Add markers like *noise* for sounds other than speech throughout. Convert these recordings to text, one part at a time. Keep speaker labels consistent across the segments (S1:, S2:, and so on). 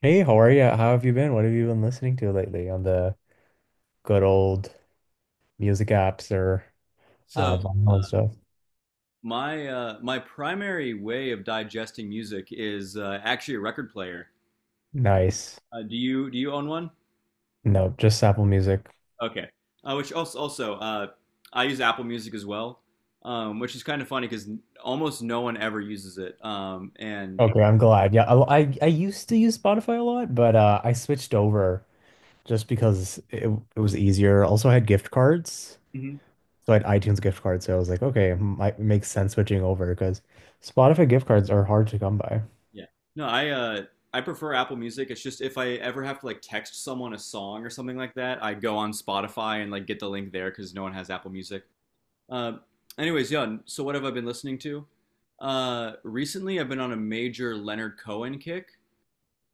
S1: Hey, how are you? How have you been? What have you been listening to lately on the good old music apps or
S2: So
S1: vinyl and stuff?
S2: my uh, my primary way of digesting music is actually a record player.
S1: Nice.
S2: Do you own one?
S1: No, just Apple Music.
S2: Okay. Which also also I use Apple Music as well, which is kind of funny because almost no one ever uses it. And
S1: Okay, I'm glad. Yeah, I used to use Spotify a lot, but I switched over just because it was easier. Also, I had gift cards,
S2: Mhm.
S1: so I had iTunes gift cards. So I was like, okay, might makes sense switching over because Spotify gift cards are hard to come by.
S2: yeah, no, I prefer Apple Music. It's just if I ever have to like text someone a song or something like that, I go on Spotify and like get the link there because no one has Apple Music. Uh, anyways, yeah. So what have I been listening to? Recently, I've been on a major Leonard Cohen kick.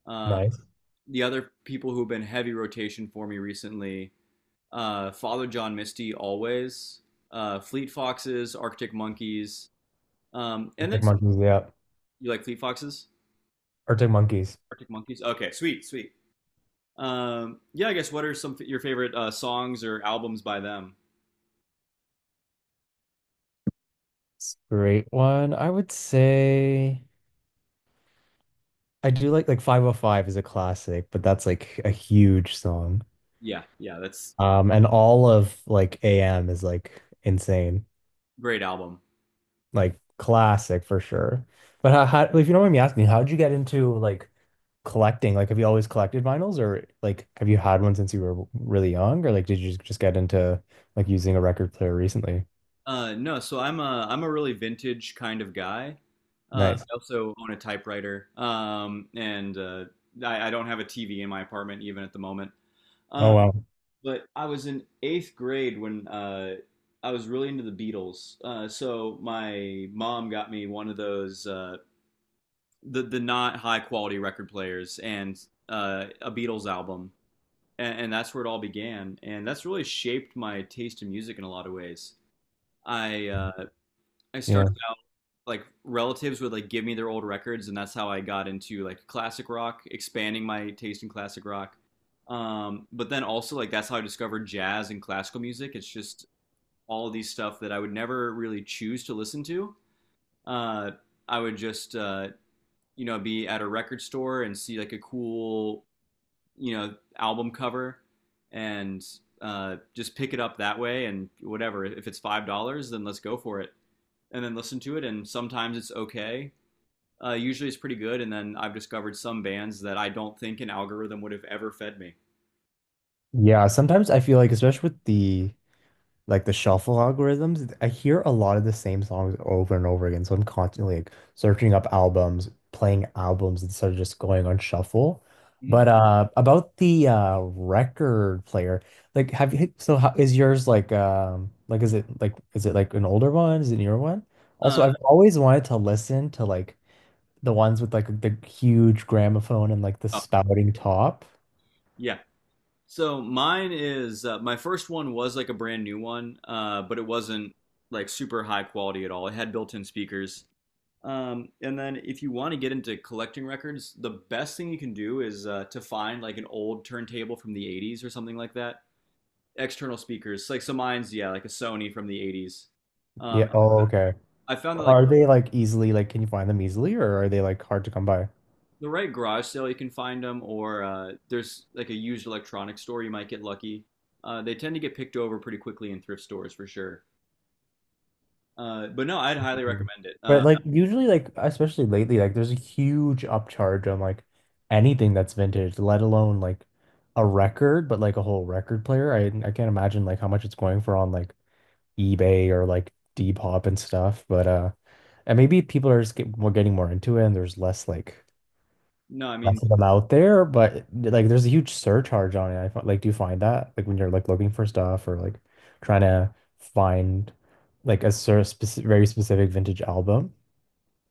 S2: Uh,
S1: Nice.
S2: the other people who've been heavy rotation for me recently: Father John Misty, always. Fleet Foxes, Arctic Monkeys, and then
S1: Arctic Monkeys, yeah.
S2: you like Fleet Foxes,
S1: Arctic Monkeys.
S2: Arctic Monkeys. Okay, sweet, sweet. Yeah, I guess what are some your favorite songs or albums by them?
S1: Great one. I would say. I do like 505 is a classic, but that's like a huge song.
S2: Yeah, yeah, that's
S1: And all of like AM is like insane,
S2: great album.
S1: like classic for sure. But how if you don't mind me asking, how did you get into like collecting? Like, have you always collected vinyls, or like have you had one since you were really young, or like did you just get into like using a record player recently?
S2: No, so I'm a really vintage kind of guy.
S1: Nice.
S2: I also own a typewriter, and I don't have a TV in my apartment even at the moment.
S1: Oh
S2: Uh,
S1: wow.
S2: but I was in eighth grade when I was really into the Beatles. So my mom got me one of those the not high quality record players and a Beatles album, and that's where it all began. And that's really shaped my taste in music in a lot of ways. I uh, I
S1: Yeah.
S2: started like relatives would like give me their old records, and that's how I got into like classic rock, expanding my taste in classic rock. But then also, like, that's how I discovered jazz and classical music. It's just all of these stuff that I would never really choose to listen to. Uh i would just uh be at a record store and see like a cool album cover, and just pick it up that way. And whatever, if it's $5, then let's go for it, and then listen to it. And sometimes it's okay, usually is pretty good. And then I've discovered some bands that I don't think an algorithm would have ever fed me.
S1: Yeah, sometimes I feel like, especially with the like the shuffle algorithms, I hear a lot of the same songs over and over again. So I'm constantly like searching up albums, playing albums instead of just going on shuffle.
S2: Mhm.
S1: But about the record player, like have you so how is yours like is it like is it like an older one? Is it a newer one?
S2: Uh,
S1: Also, I've always wanted to listen to like the ones with like the huge gramophone and like the
S2: oh,
S1: spouting top.
S2: yeah. So mine is my first one was like a brand new one, but it wasn't like super high quality at all. It had built-in speakers. And then if you want to get into collecting records, the best thing you can do is to find like an old turntable from the 80s or something like that. External speakers, like so mine's yeah, like a Sony from the 80s. Um,
S1: Yeah. Oh, okay.
S2: I found that like
S1: Are they like easily like can you find them easily or are they like hard to come by?
S2: the right garage sale you can find them, or there's like a used electronics store you might get lucky. They tend to get picked over pretty quickly in thrift stores for sure, but no, I'd highly
S1: Mm.
S2: recommend it.
S1: But like usually like especially lately like there's a huge upcharge on like anything that's vintage, let alone like a record, but like a whole record player. I can't imagine like how much it's going for on like eBay or like Depop and stuff. But and maybe people are just get, more getting more into it and there's less like
S2: No I mean
S1: less of them out there, but like there's a huge surcharge on it. Like do you find that like when you're like looking for stuff or like trying to find like a sort of speci very specific vintage album?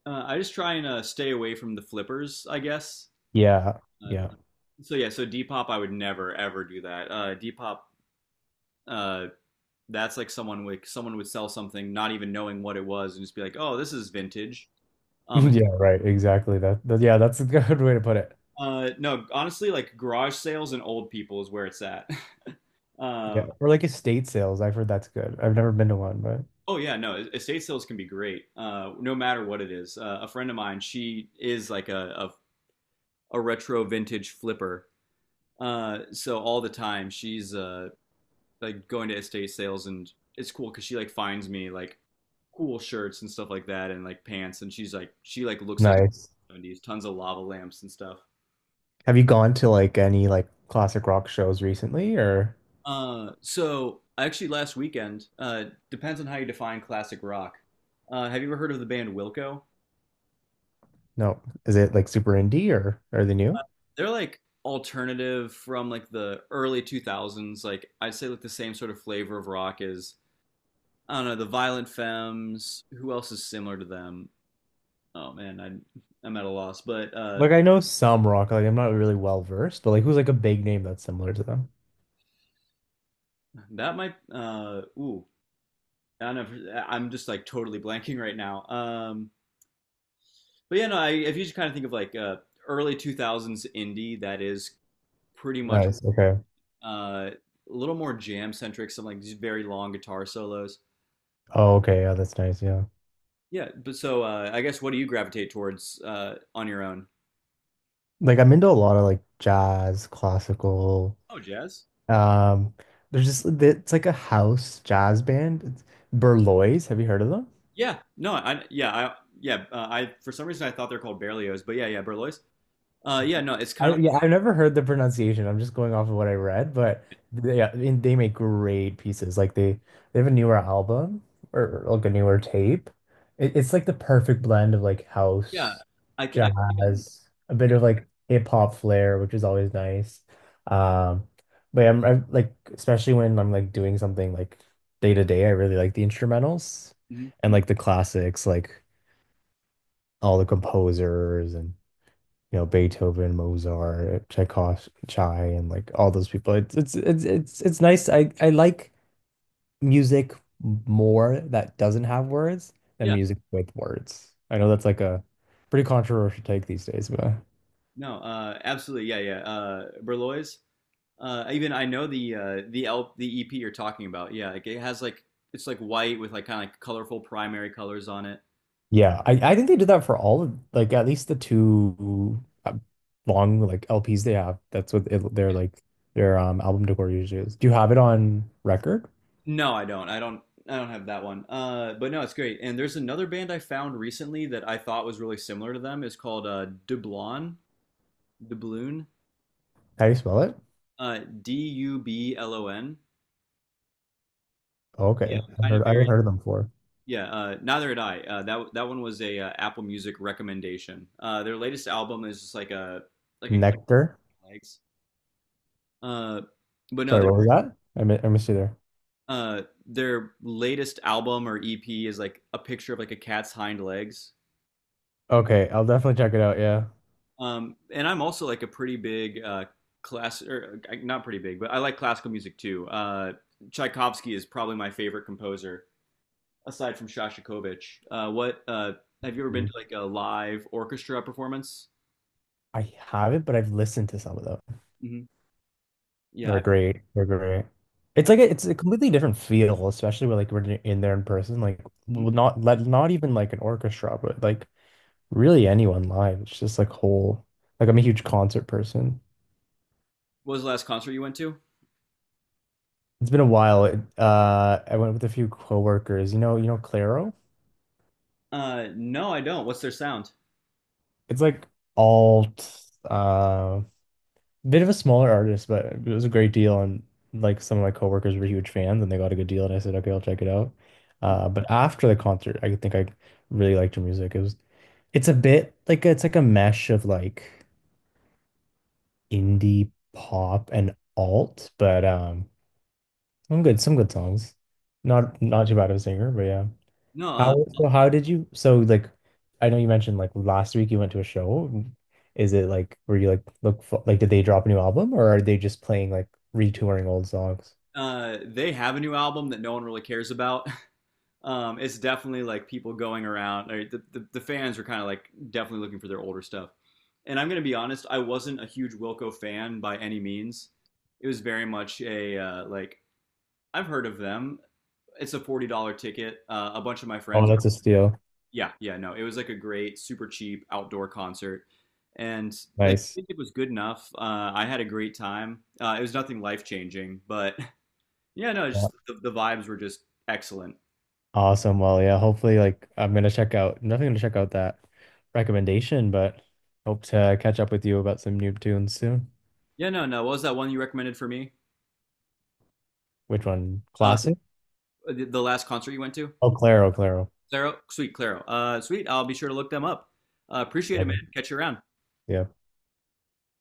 S2: I just try and stay away from the flippers, I guess.
S1: Yeah,
S2: uh,
S1: yeah,
S2: yeah, so Depop I would never ever do that. Depop uh, that's like someone would sell something not even knowing what it was and just be like, oh, this is vintage.
S1: *laughs*
S2: um,
S1: yeah. Right, exactly. Yeah, that's a good way to put it.
S2: no, honestly, like garage sales and old people is where it's at. *laughs* um,
S1: Yeah, or like estate sales. I've heard that's good. I've never been to one, but
S2: Oh yeah, no, estate sales can be great, no matter what it is. A friend of mine, she is like a retro vintage flipper. So all the time she's like going to estate sales, and it's cool because she like finds me like cool shirts and stuff like that, and like pants, and she's like she like looks like
S1: nice.
S2: 70s, tons of lava lamps and stuff.
S1: Have you gone to like any like classic rock shows recently, or
S2: So actually last weekend, depends on how you define classic rock. Have you ever heard of the band Wilco?
S1: no? Is it like super indie, or are they new?
S2: They're like alternative from like the early 2000s. Like I'd say like the same sort of flavor of rock as, I don't know, the Violent Femmes. Who else is similar to them? Oh man, I'm at a loss. But
S1: Like I know some rock. Like I'm not really well versed, but like who's like a big name that's similar to them?
S2: that might ooh I don't know. I'm just like totally blanking right now. But yeah, no. I, if you just kind of think of like early 2000s indie, that is pretty much
S1: Nice. Okay.
S2: a little more jam centric. Some like these very long guitar solos.
S1: Oh, okay. Yeah, that's nice. Yeah.
S2: Yeah, but so I guess what do you gravitate towards on your own?
S1: Like I'm into a lot of like jazz, classical.
S2: Oh, jazz.
S1: Um, there's just it's like a house jazz band. It's Berlois. Have you heard of them?
S2: Yeah, no, I yeah, I yeah, I for some reason I thought they're called Berlioz, but yeah, yeah, Berlioz. Yeah, no, it's kind
S1: I
S2: of like
S1: yeah, I've never heard the pronunciation. I'm just going off of what I read, but they, yeah, I they make great pieces. Like they have a newer album or like a newer tape. It's like the perfect blend of like
S2: yeah,
S1: house,
S2: even
S1: jazz, a bit of like hip hop flair, which is always nice. Um, but I'm like especially when I'm like doing something like day to day, I really like the instrumentals
S2: mhm,
S1: and like the classics, like all the composers and you know Beethoven, Mozart, Tchaikovsky, Chai, and like all those people. It's nice. I like music more that doesn't have words than
S2: yeah,
S1: music with words. I know that's like a pretty controversial take these days, but
S2: no, absolutely, yeah, yeah, Berlioz. Even I know the L the EP you're talking about. Yeah, like, it has like it's like white with like kind of like colorful primary colors on it.
S1: yeah, I think they did that for all of like at least the two long like LPs they have. That's what their like their album decor usually is. Do you have it on record?
S2: No, I don't. I don't have that one. But no, it's great. And there's another band I found recently that I thought was really similar to them. It's called Dublon, Dubloon,
S1: How do you spell it?
S2: Dublon. Yeah,
S1: Okay,
S2: kind of very.
S1: I've heard of them before.
S2: Yeah, neither had I. That one was a Apple Music recommendation. Their latest album is just like a cat
S1: Nectar.
S2: on legs. Uh, but no,
S1: Sorry, what was that? I missed you there.
S2: their latest album or EP is like a picture of like a cat's hind legs.
S1: Okay, I'll definitely check it out. Yeah.
S2: And I'm also like a pretty big class, or not pretty big, but I like classical music too. Tchaikovsky is probably my favorite composer, aside from Shostakovich. What Have you ever been
S1: Mm.
S2: to like a live orchestra performance?
S1: I haven't, but I've listened to some of them.
S2: hmm Yeah.
S1: They're great. They're great. It's
S2: I,
S1: like a, it's a completely different feel, especially when like we're in there in person. Like well,
S2: mhm.
S1: not let not even like an orchestra, but like really anyone live. It's just like whole. Like I'm a huge concert person.
S2: What was the last concert you went to?
S1: It's been a while. It, I went with a few coworkers. You know, Clairo.
S2: No, I don't. What's their sound?
S1: It's like alt. Bit of a smaller artist, but it was a great deal. And like some of my coworkers were huge fans and they got a good deal. And I said, okay, I'll check it out.
S2: Mhm.
S1: But after the concert, I think I really liked her music. It's a bit like it's like a mesh of like indie pop and alt, but some good songs. Not too bad of a singer, but yeah.
S2: No,
S1: How did you like I know you mentioned like last week you went to a show. Is it like were you like like did they drop a new album or are they just playing like retouring old songs?
S2: They have a new album that no one really cares about. It's definitely like people going around. Like, the fans were kind of like definitely looking for their older stuff. And I'm gonna be honest, I wasn't a huge Wilco fan by any means. It was very much a I've heard of them. It's a $40 ticket. A bunch of my
S1: Oh,
S2: friends.
S1: that's a steal.
S2: Yeah, yeah, no, it was like a great, super cheap outdoor concert, and like I
S1: Nice.
S2: think it was good enough. I had a great time. It was nothing life changing, but *laughs* yeah, no,
S1: Yeah.
S2: just the vibes were just excellent.
S1: Awesome. Well, yeah, hopefully like I'm gonna check out nothing gonna check out that recommendation, but hope to catch up with you about some new tunes soon.
S2: Yeah, no, no. What was that one you recommended for me?
S1: Which one?
S2: Uh,
S1: Classic?
S2: the last concert you went to,
S1: Oh, Claro, Claro.
S2: Claro, sweet Claro, sweet. I'll be sure to look them up. Appreciate it,
S1: Love
S2: man.
S1: 'em.
S2: Catch you around.
S1: Yeah.